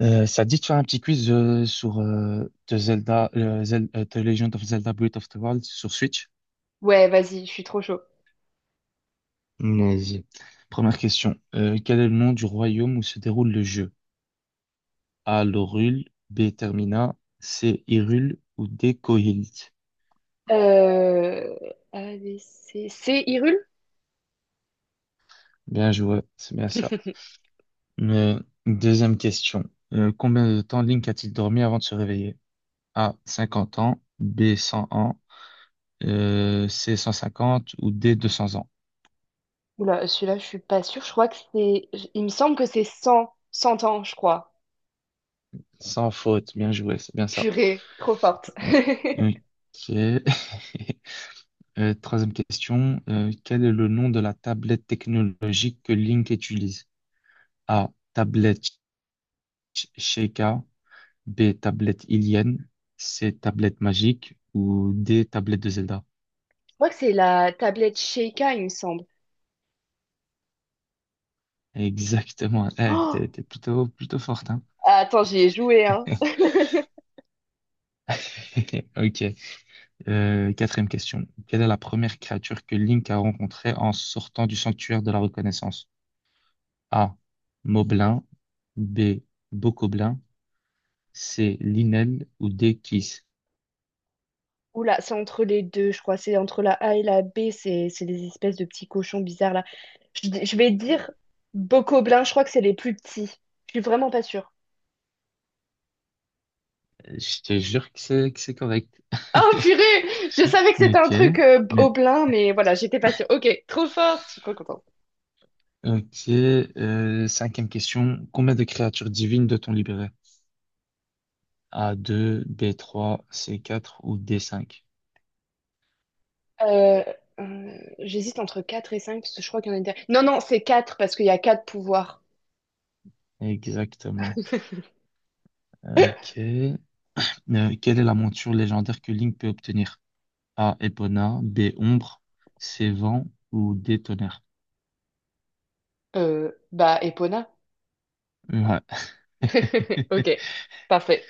Ça te dit de faire un petit quiz sur The Legend of Zelda Breath of the Wild sur Switch? Ouais, vas-y, je suis trop chaud. Vas-y. Première question. Quel est le nom du royaume où se déroule le jeu? A. Lorul, B. Termina, C. Hyrule ou D. Koholint? Euh... A, B, C, Hyrule? Bien joué, c'est bien ça. Euh, Deuxième question. Combien de temps Link a-t-il dormi avant de se réveiller? A. 50 ans, B. 100 ans, C. 150 ou D. 200 ans? Oula, celui-là, je suis pas sûre. Je crois que c'est. Il me semble que c'est cent ans, je crois. Sans faute, bien joué, c'est bien ça. Purée, trop forte. Ouais. Je Ok. Troisième question. Quel est le nom de la tablette technologique que Link utilise? A. Tablette Sheikah. B. Tablette Ilienne. C. Tablette magique. Ou D. Tablette de Zelda. crois que c'est la tablette Sheikah, il me semble. Exactement. Eh, Oh! T'es plutôt forte, hein? Attends, j'y ai joué, hein. Ok. Quatrième question. Quelle est la première créature que Link a rencontrée en sortant du sanctuaire de la reconnaissance? A. Moblin. B. Bokoblin. C'est Linel ou Dekis. Oula, c'est entre les deux, je crois. C'est entre la A et la B. C'est des espèces de petits cochons bizarres, là. Je vais dire Bokoblin, je crois que c'est les plus petits. Je suis vraiment pas sûre. Je te jure que c'est correct. Oh purée, je savais que c'était un Ok. truc au Mais- plein, mais voilà, j'étais pas sûre. Ok, trop fort, je suis trop contente. Ok. Euh, cinquième question. Combien de créatures divines doit-on libérer? A deux, b trois, c quatre ou d cinq. Euh, J'hésite entre quatre et 5, parce que je crois qu'il y en a une dernière. Non, non, c'est 4 parce qu'il y a quatre pouvoirs. Exactement. Ok. Quelle est la monture légendaire que Link peut obtenir? A. Epona, B. Ombre, C. Vent ou D. Tonnerre? Bah, Epona. Ouais. Ok, parfait.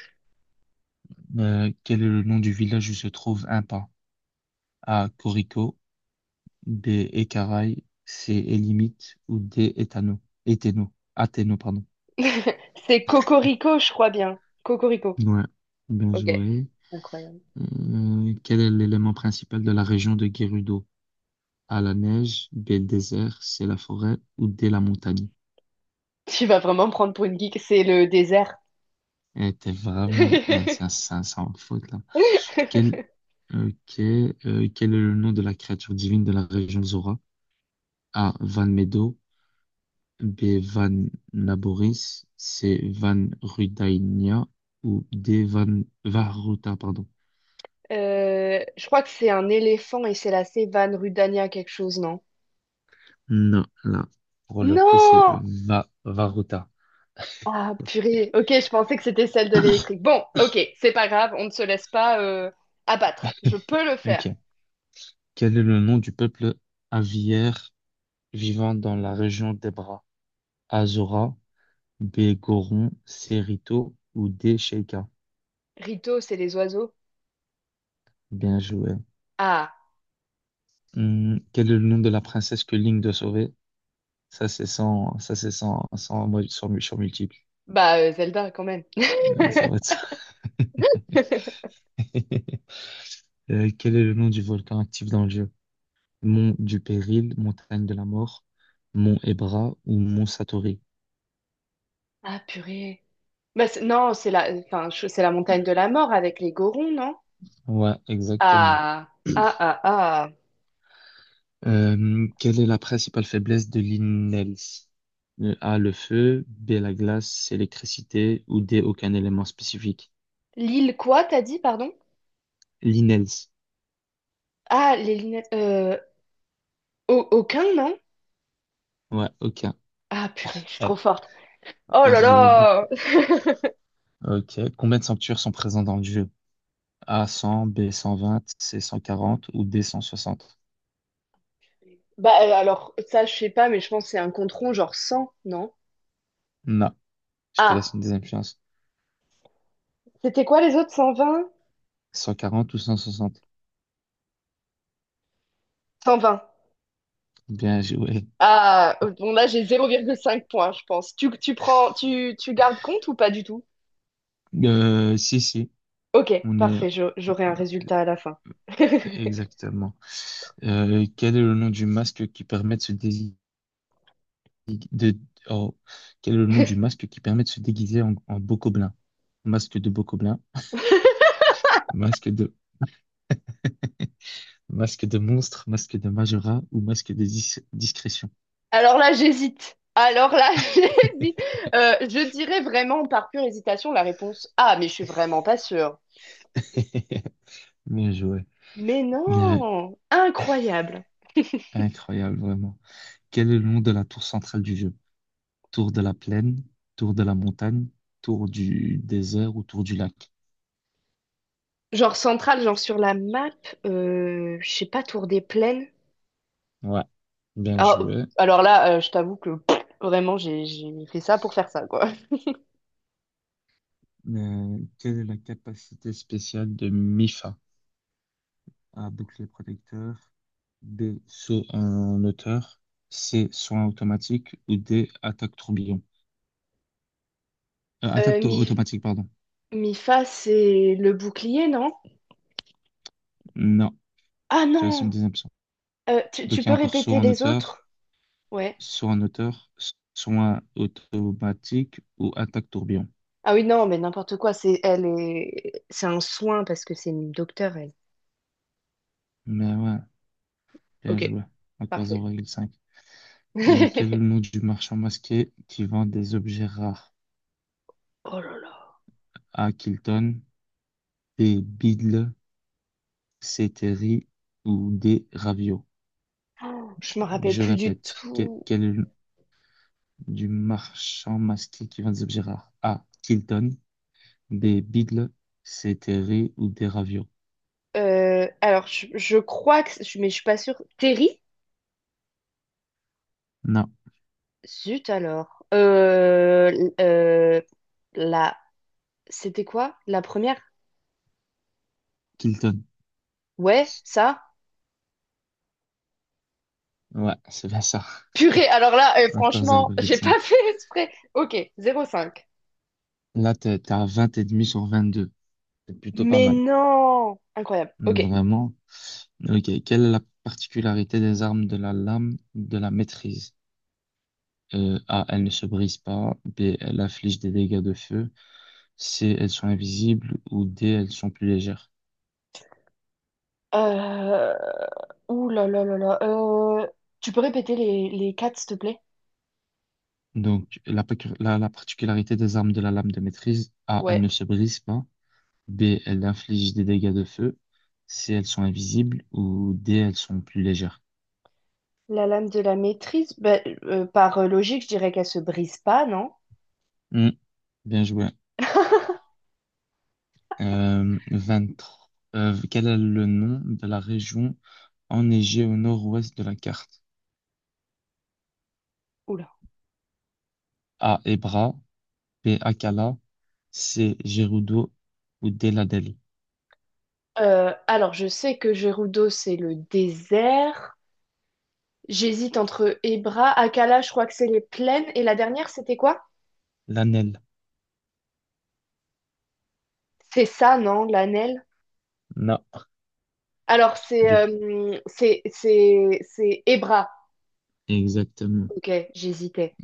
Quel est le nom du village où se trouve un pain? A. Corico, B. Écaraille. C. Élimite. Ou D. Éthano. Éthéno. Athéno, pardon. C'est Cocorico, je crois bien. Cocorico. Ouais, bien Ok, joué. incroyable. Quel est l'élément principal de la région de Gerudo? A. La neige. B. Le désert. C. La forêt. Ou D. La montagne. Tu vas vraiment me prendre pour une geek, c'est le désert. Eh, t'es vraiment... Eh, ça en faute, là. Quel... Ok. Euh, quel est le nom de la créature divine de la région Zora? A. Van Medo. B. Van Laboris, C. Van Rudainia ou D. Van Varuta, pardon. Je crois que c'est un éléphant et c'est la savane Rudania quelque chose, non? Non, là, pour le coup, c'est Non! Va Varuta. Ah, purée. Ok, je pensais que c'était celle de l'électrique. Bon, ok, c'est pas grave, on ne se laisse pas abattre. Je peux le faire. Ok. Quel est le nom du peuple aviaire vivant dans la région des bras? Azora, B. Goron, C. Rito ou D. Sheika. Rito, c'est les oiseaux. Bien joué. Ah, Quel est le nom de la princesse que Link doit sauver? Ça, c'est sans multiple. bah Zelda quand même. Ça va être ça. Quel est le nom du volcan actif dans le jeu? Mont du Péril, montagne de la mort, mont Ebra ou mont Satori? Ah, purée. Bah, non, enfin, c'est la montagne de la mort avec les Gorons, non? Ouais, exactement. Ah, ah, ah, ah. Quelle est la principale faiblesse de l'INELS? Le A, le feu, B, la glace, C, l'électricité ou D, aucun élément spécifique. L'île quoi, t'as dit, pardon? L'INELS. Ah, les lunettes. Aucun, non? Ouais, aucun. Ah, purée, je suis Eh, trop forte. Oh t'as là joué beaucoup. là! Ok. Combien de sanctuaires sont présents dans le jeu? A, 100, B, 120, C, 140 ou D, 160? Bah alors, ça, je sais pas, mais je pense que c'est un compte rond, genre 100 non? Non. Je te laisse une Ah, deuxième chance. c'était quoi les autres? 120. 140 ou 160. 120. Bien joué. Ah, bon là, j'ai 0,5 points, je pense. Tu prends, tu gardes compte ou pas du tout? Si, si, Ok, on est parfait, j'aurai un résultat à la fin. exactement. Quel est le nom du masque qui permet de se dési- de- oh, quel est le nom du masque qui permet de se déguiser en beau gobelin? Masque de beau gobelin, masque de, masque de monstre, masque de Majora ou masque de discrétion. Alors là, j'hésite. Alors là, j'hésite. Je dirais vraiment par pure hésitation la réponse. Ah, mais je suis vraiment pas sûre. Bien joué. Mais Mais, non! Incroyable. Incroyable, vraiment. Quel est le nom de la tour centrale du jeu? Tour de la plaine, tour de la montagne, tour du désert ou tour du lac. Genre centrale, genre sur la map, je sais pas, Tour des Plaines. Ouais, bien Alors, joué. alors là, je t'avoue que pff, vraiment, j'ai fait ça pour faire ça, quoi. Quelle est la capacité spéciale de MIFA? A. Bouclier protecteur. B. Saut en hauteur. C. Soin automatique. Ou D. Attaque tourbillon. Attaque Euh, mi, automatique, pardon. mi fa, c'est le bouclier, non? Non, Ah tu as une non! deuxième option. Euh, tu, Donc tu il y a peux encore répéter les autres? Ouais. saut en hauteur, soin automatique ou attaque tourbillon. Ah oui, non, mais n'importe quoi. C'est un soin parce que c'est une docteure, elle. Mais ouais, bien Ok, joué. Encore zéro parfait. virgule cinq. Quel est le nom du marchand masqué qui vend des objets rares? Oh là là. A. Kilton, B. Biddle, C. Terry ou D. Ravio. Oh, je me rappelle Je plus du répète, tout. quel est le nom du marchand masqué qui vend des objets rares? A. Kilton, B. Biddle, C. Terry ou D. Ravio. Alors, je crois que, mais je suis pas sûre. Terry? Non, Zut alors. Euh, la C'était quoi? La première? Kilton. Ouais, ça? Ouais, c'est bien ça. Purée, alors là, Encore franchement, j'ai pas 0,5. fait exprès. Ok, 0,5. Là, t'es à 20 et demi sur 22. C'est plutôt pas Mais mal. non! Incroyable. Ok. Vraiment. Ok. Quelle est la particularité des armes de la lame de la maîtrise? A. Elles ne se brisent pas. B. Elles infligent des dégâts de feu. C. Elles sont invisibles. Ou D. Elles sont plus légères. Euh... Ouh là là là là. Tu peux répéter les quatre, s'il te plaît? Donc, la particularité des armes de la lame de maîtrise, A. Elles Ouais. ne se brisent pas. B. Elles infligent des dégâts de feu. C. Elles sont invisibles. Ou D. Elles sont plus légères. La lame de la maîtrise, bah, par logique, je dirais qu'elle se brise pas, non? Hmm, bien joué. 23, quel est le nom de la région enneigée au nord-ouest de la carte? Oula. A. Hébra, B. Akala, C. Gerudo ou D. Lanel. Alors, je sais que Gerudo, c'est le désert. J'hésite entre Ebra, Akala, je crois que c'est les plaines. Et la dernière, c'était quoi? Lanel. C'est ça, non? L'Anel? Na. Alors, c'est du- euh, c'est c'est c'est Hébra. Exactement. Ok, j'hésitais.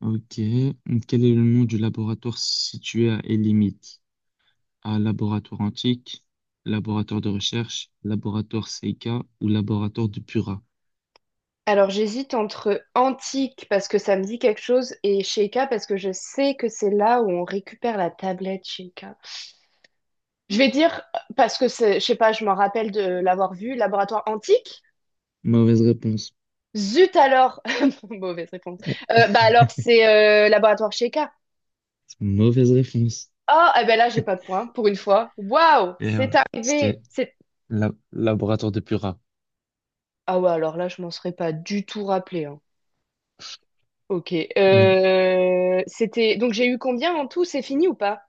Ok. Quel est le nom du laboratoire situé à Elimite? A. Laboratoire antique, laboratoire de recherche, laboratoire Seika ou laboratoire de Pura? Alors, j'hésite entre Antique parce que ça me dit quelque chose et Sheikah parce que je sais que c'est là où on récupère la tablette Sheikah. Je vais dire parce que c'est, je sais pas, je m'en rappelle de l'avoir vu, Laboratoire Antique. Mauvaise réponse. Zut alors, mauvaise réponse. Bah alors c'est Laboratoire Sheikah. Mauvaise réponse. Ah, eh ben là j'ai pas de point pour une fois. Waouh, Et c'est arrivé. c'était C'est laboratoire de Pura. ah ouais alors là je m'en serais pas du tout rappelé, hein. Ok. Euh, C'était donc j'ai eu combien en tout? C'est fini ou pas?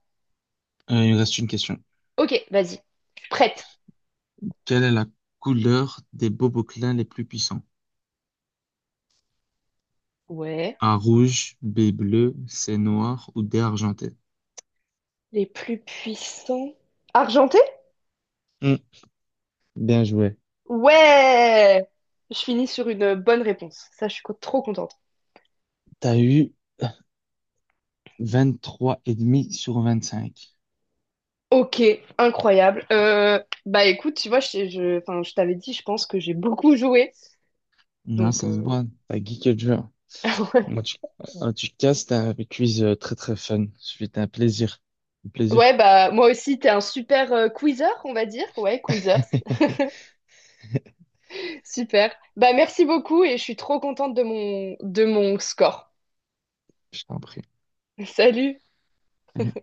il me reste une question. Ok, vas-y. Prête. Quelle est la couleur des boboclins les plus puissants? Ouais. A rouge, B bleu, C noir ou D argenté? Les plus puissants. Argenté? Hmm, bien joué. Ouais. Je finis sur une bonne réponse. Ça, je suis trop contente. T'as eu 23,5 sur 25. Ok, incroyable. Bah écoute, tu vois, enfin, je t'avais dit, je pense que j'ai beaucoup joué. Non, Donc ça se voit. T'as geeké le jeu. ouais. Moi, tu casses, c'était un quiz très très fun. C'était un plaisir. Un plaisir. Ouais, bah moi aussi, t'es un super quizzer, on va dire. Ouais, quizzer. Super. Bah merci beaucoup et je suis trop contente de mon score. Je t'en prie. Salut! Salut.